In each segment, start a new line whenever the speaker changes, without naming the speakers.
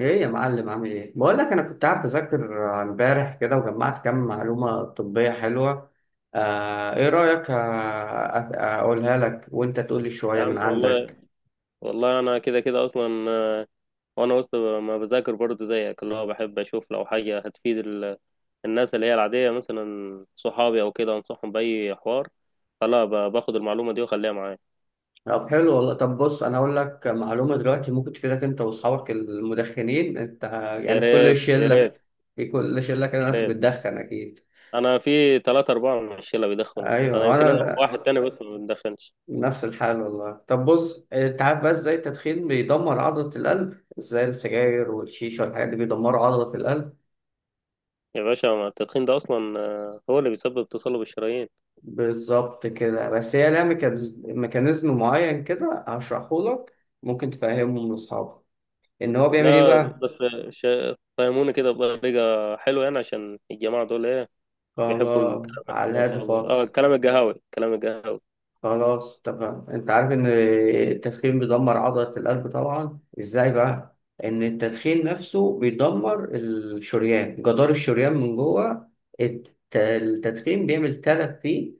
ايه يا معلم، عامل ايه؟ بقول لك، انا كنت قاعد بذاكر امبارح كده وجمعت كام معلومه طبيه حلوه. آه ايه رايك؟ اقولها لك وانت تقول لي
يا
شويه من
عم والله
عندك.
والله، انا كده كده اصلا، وانا وسط ما بذاكر برضه زيك، اللي هو بحب اشوف لو حاجه هتفيد الناس اللي هي العاديه، مثلا صحابي او كده، انصحهم باي حوار، فلا باخد المعلومه دي واخليها معايا.
طب حلو والله. طب بص، انا اقول لك معلومه دلوقتي ممكن تفيدك انت واصحابك المدخنين. انت
يا
يعني في كل
ريت، يا
شله
ريت،
في كل شله كده
يا
ناس
ريت.
بتدخن اكيد.
انا في ثلاثة أربعة من الشلة بيدخنوا.
ايوه
انا يمكن، انا
وانا
وواحد تاني بس ما بندخنش.
نفس الحال والله. طب بص، انت عارف بقى ازاي التدخين بيدمر عضله القلب؟ ازاي السجاير والشيشه والحاجات دي بيدمروا عضله القلب؟
يا باشا، ما التدخين ده اصلا هو اللي بيسبب تصلب الشرايين.
بالظبط كده. بس هي لها ميكانيزم معين كده هشرحه لك، ممكن تفهمه لأصحابك. إن هو بيعمل إيه
لا
بقى؟
بس، ش- فهموني كده بطريقه حلوه يعني، عشان الجماعه دول ايه بيحبوا
خلاص.
الكلام
على الهادي خالص.
الكلام القهاوي، الكلام القهاوي.
خلاص تمام. أنت عارف إن التدخين بيدمر عضلة القلب طبعا، إزاي بقى؟ إن التدخين نفسه بيدمر الشريان، جدار الشريان من جوه. التدخين بيعمل تلف فيه.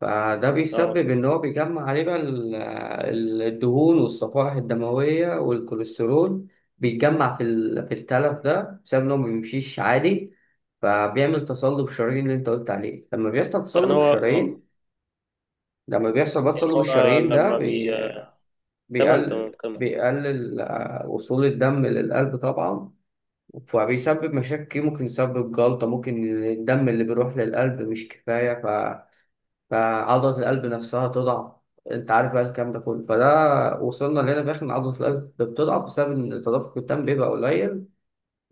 فده بيسبب
اه،
إن هو بيجمع عليه بقى الدهون والصفائح الدموية والكوليسترول، بيتجمع في التلف ده بسبب إنه ما بيمشيش عادي. فبيعمل تصلب الشرايين اللي أنت قلت عليه. لما بيحصل
يعني
تصلب
هو آه،
الشرايين، لما بيحصل بقى
يعني
تصلب
هو
الشرايين ده
لما بي تمام، تمام، تمام.
بيقلل وصول الدم للقلب طبعا. فبيسبب مشاكل كتير، ممكن يسبب جلطة، ممكن الدم اللي بيروح للقلب مش كفاية، فعضلة القلب نفسها تضعف. انت عارف بقى الكلام ده كله، فده وصلنا لهنا في الاخر ان عضلة القلب بتضعف بسبب ان تدفق الدم بيبقى قليل،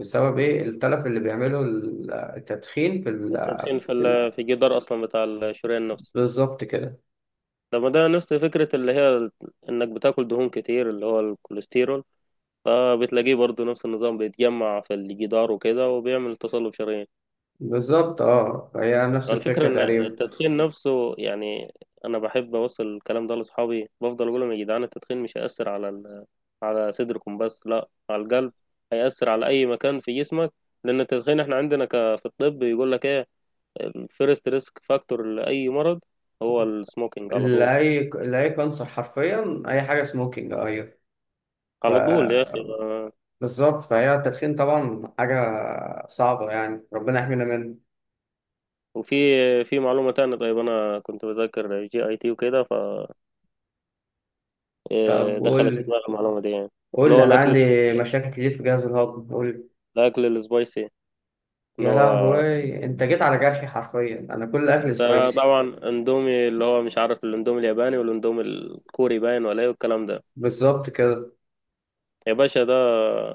بسبب ايه؟ التلف اللي بيعمله التدخين في.
التدخين
في ال-
في الجدار اصلا بتاع الشريان نفسه.
بالظبط كده.
لما ده نفس فكرة اللي هي انك بتاكل دهون كتير اللي هو الكوليسترول، فبتلاقيه برضو نفس النظام بيتجمع في الجدار وكده وبيعمل تصلب شرايين.
بالظبط، اه، هي نفس
الفكرة
الفكرة
إن
تقريبا.
التدخين نفسه يعني، أنا بحب أوصل الكلام ده لأصحابي، بفضل أقول لهم يا جدعان التدخين مش هيأثر على صدركم بس، لا، على القلب، هيأثر على أي مكان في جسمك. لأن التدخين، إحنا عندنا في الطب يقول لك إيه؟ الفيرست ريسك فاكتور لأي مرض هو السموكينج على طول.
لأي كانسر حرفيا، أي حاجة سموكينج، أيوه. ف...
على طول يا أخي،
بالظبط، فهي التدخين طبعا حاجة صعبة، يعني ربنا يحمينا منه.
وفي معلومة تانية. طيب، أنا كنت بذاكر جي أي تي وكده،
طب قول
فدخلت في
لي،
دماغي المعلومة دي يعني. اللي
قول
هو
لي. أنا
الأكل،
عندي مشاكل كتير في جهاز الهضم، قول لي.
الأكل السبايسي، اللي
يا
هو
لهوي، انت جيت على جرحي حرفيا، انا كل اكل
ده
سبايسي.
طبعا اندومي، اللي هو مش عارف الاندومي الياباني والاندومي الكوري باين، ولا ايه والكلام ده.
بالظبط كده.
يا باشا، ده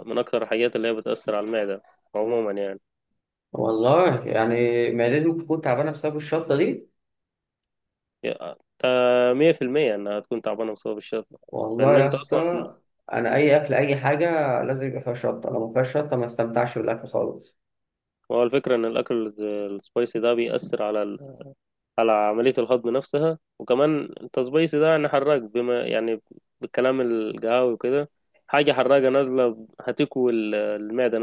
من اكتر الحاجات اللي هي بتأثر على المعدة عموما يعني.
والله يعني، معدتي ممكن تكون تعبانه بسبب الشطه دي.
مية في المية انها تكون تعبانة بسبب الشطة،
والله
لان
يا
انت اصلا.
اسطى. انا اي اكل، اي حاجه لازم يبقى فيها شطه، لو ما فيهاش شطه ما استمتعش بالاكل خالص.
هو الفكرة ان الاكل السبايسي ده بيأثر على عملية الهضم نفسها. وكمان انت سبايسي ده يعني حراق، بما يعني بالكلام القهاوي وكده، حاجة حراقة نازلة هتكوي المعدة.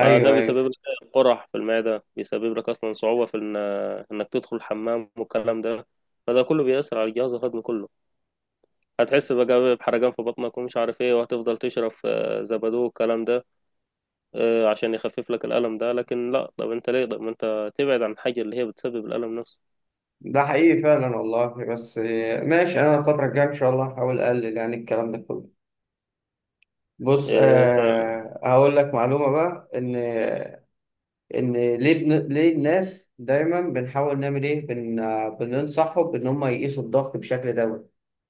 فده
ايوه.
بيسبب لك قرح في المعدة، بيسبب لك أصلا صعوبة في إنك تدخل الحمام والكلام ده. فده كله بيأثر على الجهاز الهضمي كله. هتحس بقى بحرقان في بطنك ومش عارف ايه، وهتفضل تشرب زبادو والكلام ده عشان يخفف لك الألم ده. لكن لا، طب انت ليه؟ طب ما انت تبعد عن الحاجة اللي هي بتسبب الألم نفسه.
ده حقيقي فعلا والله، بس ماشي. انا الفتره الجايه ان شاء الله هحاول اقلل يعني الكلام ده كله. بص
انت،
آه، هقول لك معلومه بقى. ان ليه ليه الناس دايما بنحاول نعمل ايه، بن... آه، بننصحهم ان هم يقيسوا الضغط بشكل دوري.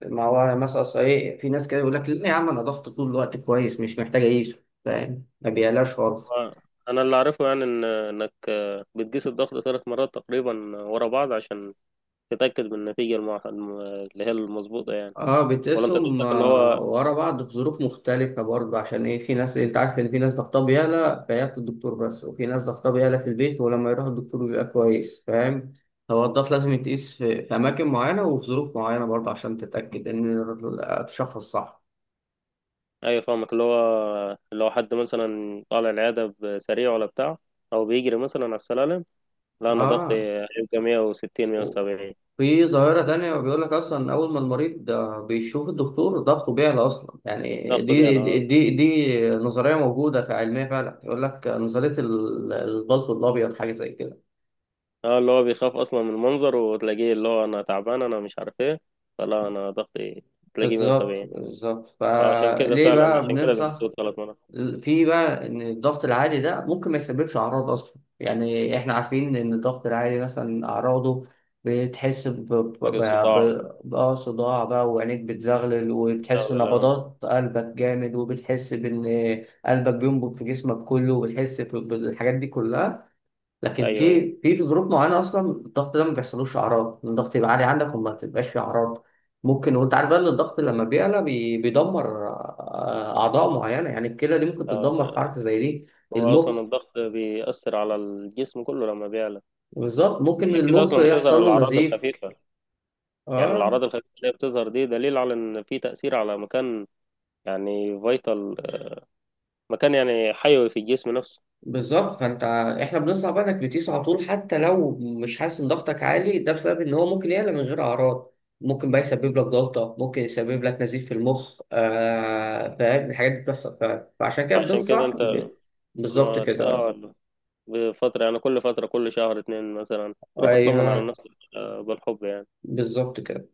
ما هو مثلا، أصل ايه؟ في ناس كده يقول لك لا يا عم انا ضغط طول الوقت كويس مش محتاج اقيسه، فاهم؟ ما بيقلاش خالص.
انا اللي اعرفه يعني إن انك، بتقيس الضغط 3 مرات تقريبا ورا بعض عشان تتأكد من النتيجة اللي هي المظبوطة يعني.
اه،
ولا انت
بتقيسهم
قصدك اللي هو؟
ورا بعض في ظروف مختلفة برضه. عشان ايه؟ في ناس، انت عارف ان في ناس ضغطها بيعلى فياخد الدكتور بس، وفي ناس ضغطها بيعلى في البيت ولما يروح الدكتور بيبقى كويس، فاهم؟ هو الضغط لازم يتقيس في، أماكن معينة وفي ظروف معينة برضه عشان تتأكد إن تشخص صح.
ايوه، فاهمك، اللي هو لو حد مثلا طالع العياده بسريع ولا بتاع، او بيجري مثلا على السلالم، لا، انا ضغطي
اه،
هيبقى 160 170.
في ظاهرة تانية بيقول لك أصلا، أول ما المريض بيشوف الدكتور ضغطه بيعلى أصلا، يعني
ضغطه بيعلى، اه،
دي نظرية موجودة في علمية فعلا، يقول لك نظرية البلط الأبيض، حاجة زي كده.
اه، اللي هو بيخاف اصلا من المنظر، وتلاقيه اللي هو انا تعبان انا مش عارف ايه، فلا انا ضغطي تلاقيه
بالظبط
170.
بالظبط.
عشان كده
فليه
فعلا،
بقى
عشان كده اللي
بننصح،
بيسود 3 مرات.
في بقى ان الضغط العالي ده ممكن ما يسببش اعراض اصلا؟ يعني احنا عارفين ان الضغط العالي مثلا اعراضه، بتحس
تلاقي الصداع
بقى صداع بقى، وعينيك بتزغلل، وبتحس
بيستغل، اه.
نبضات قلبك جامد، وبتحس بان قلبك بينبض في جسمك كله، وبتحس بالحاجات دي كلها. لكن
ايوه،
في
ايوه،
ظروف معينه اصلا الضغط ده ما بيحصلوش اعراض، إن الضغط يبقى عالي عندك وما تبقاش فيه اعراض، ممكن. وانت عارف بقى ان الضغط لما بيعلى بيدمر اعضاء معينه، يعني الكلى دي ممكن تتدمر في
آه،
حركه زي دي.
هو اصلا
المخ.
الضغط بيأثر على الجسم كله لما بيعلى.
بالظبط، ممكن
عشان كده
المخ
اصلا ما تظهر
يحصل له
الاعراض
نزيف.
الخفيفه، يعني
اه،
الأعراض الخفيفة اللي هي بتظهر دي دليل على إن في تأثير على مكان، يعني فيتال، مكان يعني حيوي في الجسم نفسه.
بالظبط. فانت، احنا بنصعب انك بتقيس على طول حتى لو مش حاسس ان ضغطك عالي، ده بسبب ان هو ممكن يعلى من غير اعراض. ممكن بقى يسبب لك، ضغطه ممكن يسبب لك نزيف في المخ، آه. فاهم؟ الحاجات دي بتحصل فعلا، فعشان كده
عشان كده
بننصح
أنت،
ب... بالظبط
أنا
كده.
بفترة يعني، كل فترة كل شهر اتنين مثلا روح اطمن على
ايوه
نفسك، بالحب يعني.
بالظبط كده.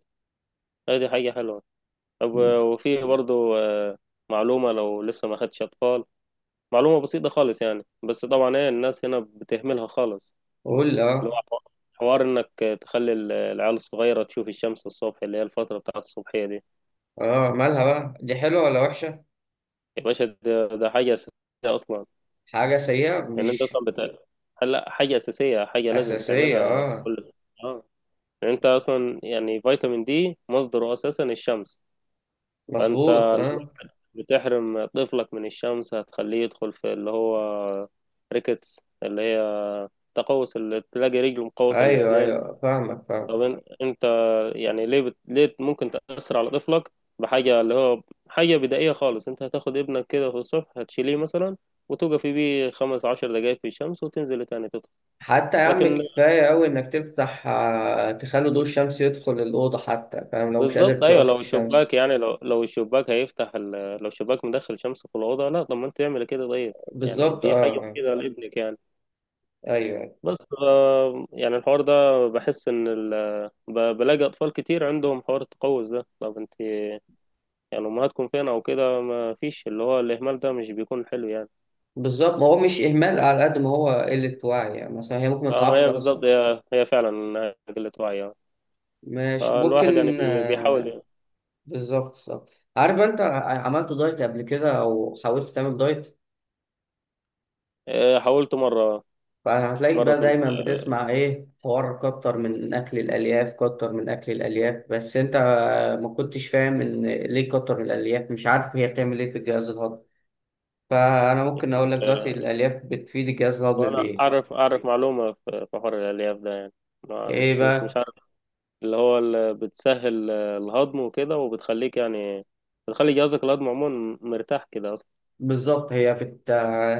هي دي حاجة حلوة. طب وفي برضو معلومة لو لسه ما خدتش أطفال، معلومة بسيطة خالص يعني، بس طبعا ايه الناس هنا بتهملها خالص.
قول،
اللي
اه.
هو حوار انك تخلي العيال الصغيرة تشوف الشمس الصبح، اللي هي الفترة بتاعت الصبحية دي.
اه، مالها بقى؟ دي حلوه ولا وحشه؟
يا باشا ده حاجة أساسية أصلا.
حاجه سيئه،
يعني أنت
مش؟
أصلا هلا حاجة أساسية، حاجة لازم
اساسيه،
تعملها
اه.
كل آه يعني أنت أصلا يعني، فيتامين دي مصدره أساسا الشمس. فأنت
مظبوط،
لما
اه.
بتحرم طفلك من الشمس هتخليه يدخل في اللي هو ريكتس، اللي هي تقوس، اللي تلاقي رجله مقوسة
ايوه
الاتنين.
ايوه، فاهمك فاهمك.
طب انت، يعني ليه ليه ممكن تأثر على طفلك بحاجة، اللي هو حاجة بدائية خالص؟ انت هتاخد ابنك كده في الصبح، هتشيليه مثلا وتوقفي بيه 15 دقايق في الشمس وتنزلي تاني تطلع.
حتى يا عم،
لكن
كفاية أوي إنك تفتح، تخلي ضوء الشمس يدخل الأوضة حتى، فاهم؟ لو مش قادر
بالظبط، ايوه،
تقف في
لو الشباك
الشمس.
يعني، لو الشباك هيفتح لو الشباك مدخل شمس في الأوضة، لا طب ما انت تعمل كده طيب؟ يعني
بالظبط أه
دي حاجة
آه.
مفيدة لابنك يعني.
أيوه.
بس يعني الحوار ده بحس ان بلاقي اطفال كتير عندهم حوار التقوس ده. طب انت، يعني امهاتكم فين او كده؟ ما فيش، اللي هو الاهمال ده مش بيكون حلو يعني.
بالظبط، ما هو مش إهمال على قد ما هو قلة وعي، يعني مثلا هي ممكن ما
اه،
تعرفش
هي
أصلا.
بالظبط، هي فعلا إنها قله وعي.
ماشي،
فالواحد يعني
ممكن
بيحاول يعني.
بالظبط بالظبط. عارف؟ أنت عملت دايت قبل كده أو حاولت تعمل دايت؟
حاولت مره،
فهتلاقيك
مره
بقى
كنت
دايما بتسمع ايه؟ حوار كتر من اكل الالياف، كتر من اكل الالياف، بس انت ما كنتش فاهم ان ليه كتر الالياف، مش عارف هي بتعمل ايه في الجهاز الهضمي. فانا ممكن اقول لك دلوقتي
آه،
الالياف بتفيد الجهاز الهضمي
وانا
بايه.
اعرف معلومه في حوار الالياف ده يعني، ما
ايه
مش بس مش
بقى؟
عارف. اللي بتسهل الهضم وكده، وبتخليك يعني، بتخلي جهازك الهضمي عموما مرتاح كده اصلا.
بالظبط.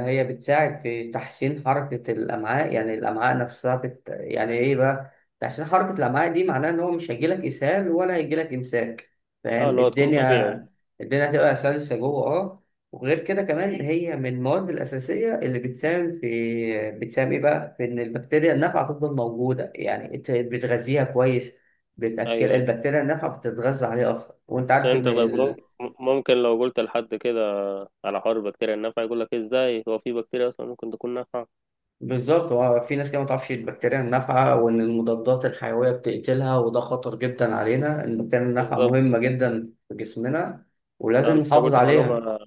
هي بتساعد في تحسين حركة الأمعاء، يعني الأمعاء نفسها يعني إيه بقى، تحسين حركة الأمعاء دي معناه إن هو مش هيجيلك إسهال ولا هيجيلك إمساك،
اه،
فاهم
اللي هو تكون
الدنيا؟
طبيعي.
الدنيا هتبقى سلسة جوه، أه. وغير كده كمان، هي من المواد الأساسية اللي بتساهم في، بتساهم إيه بقى، في إن البكتيريا النافعة تفضل موجودة، يعني أنت بتغذيها كويس، بتأكل،
ايوه، ايوه.
البكتيريا النافعة بتتغذى عليها أكتر، وأنت
بس
عارف
انت
إن.
طيب، ممكن لو قلت لحد كده على حوار البكتيريا النافعة، يقول لك ازاي هو في بكتيريا اصلا ممكن تكون نافعة؟
بالظبط. هو في ناس كده ما تعرفش البكتيريا النافعة، وإن المضادات الحيوية بتقتلها، وده خطر جدا علينا، إن البكتيريا النافعة
بالظبط.
مهمة جدا في جسمنا ولازم
انت
نحافظ
قلت
عليها.
معلومة،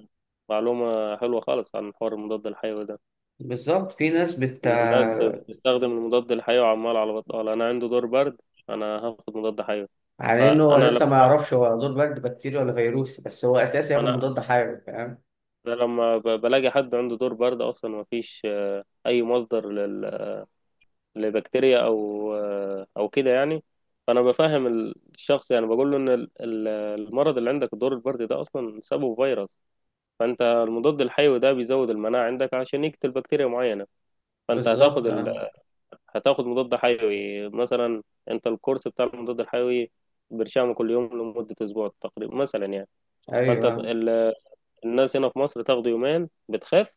معلومة حلوة خالص عن حوار المضاد الحيوي ده،
بالظبط. في ناس بت
ان الناس بتستخدم المضاد الحيوي عمال على بطال. انا عندي دور برد، انا هاخد مضاد حيوي.
على إن هو
انا لما
لسه ما يعرفش هو دور برد بكتيريا ولا فيروسي، بس هو أساسي ياخد
انا
مضاد حيوي، فاهم؟
أنا لما بلاقي حد عنده دور برد اصلا، ما فيش اي مصدر لبكتيريا او كده يعني. فانا بفهم الشخص يعني، بقول له ان المرض اللي عندك دور البرد ده اصلا سببه فيروس. فانت المضاد الحيوي ده بيزود المناعة عندك عشان يقتل بكتيريا معينة. فانت
بالظبط آه.
هتاخد مضاد حيوي مثلا. انت الكورس بتاع المضاد الحيوي برشامه كل يوم لمدة أسبوع تقريبا مثلا يعني. فأنت
أيوه
ال... الناس هنا في مصر تاخده يومين بتخاف.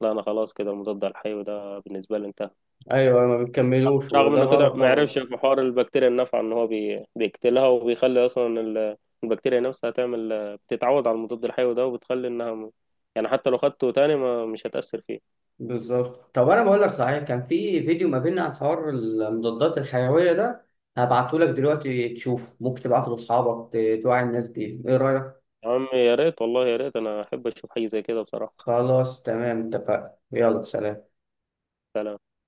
لا، أنا خلاص كده المضاد الحيوي ده بالنسبة لي انتهى.
أيوه، ما بيكملوش
رغم
وده
إنه كده
غلط
ما
طبعا.
يعرفش في حوار البكتيريا النافعة إن هو بيقتلها، وبيخلي أصلا البكتيريا نفسها تعمل، بتتعود على المضاد الحيوي ده، وبتخلي إنها يعني حتى لو خدته تاني ما مش هتأثر فيه.
بالظبط. طب انا بقول لك صحيح، كان في فيديو ما بيننا عن حوار المضادات الحيويه ده، هبعته لك دلوقتي تشوفه، ممكن تبعته لاصحابك توعي الناس بيه، ايه رايك؟
يا عم يا ريت، والله يا ريت، انا احب اشوف حاجه زي كده بصراحه.
خلاص تمام، اتفقنا، يلا سلام.
فعلا.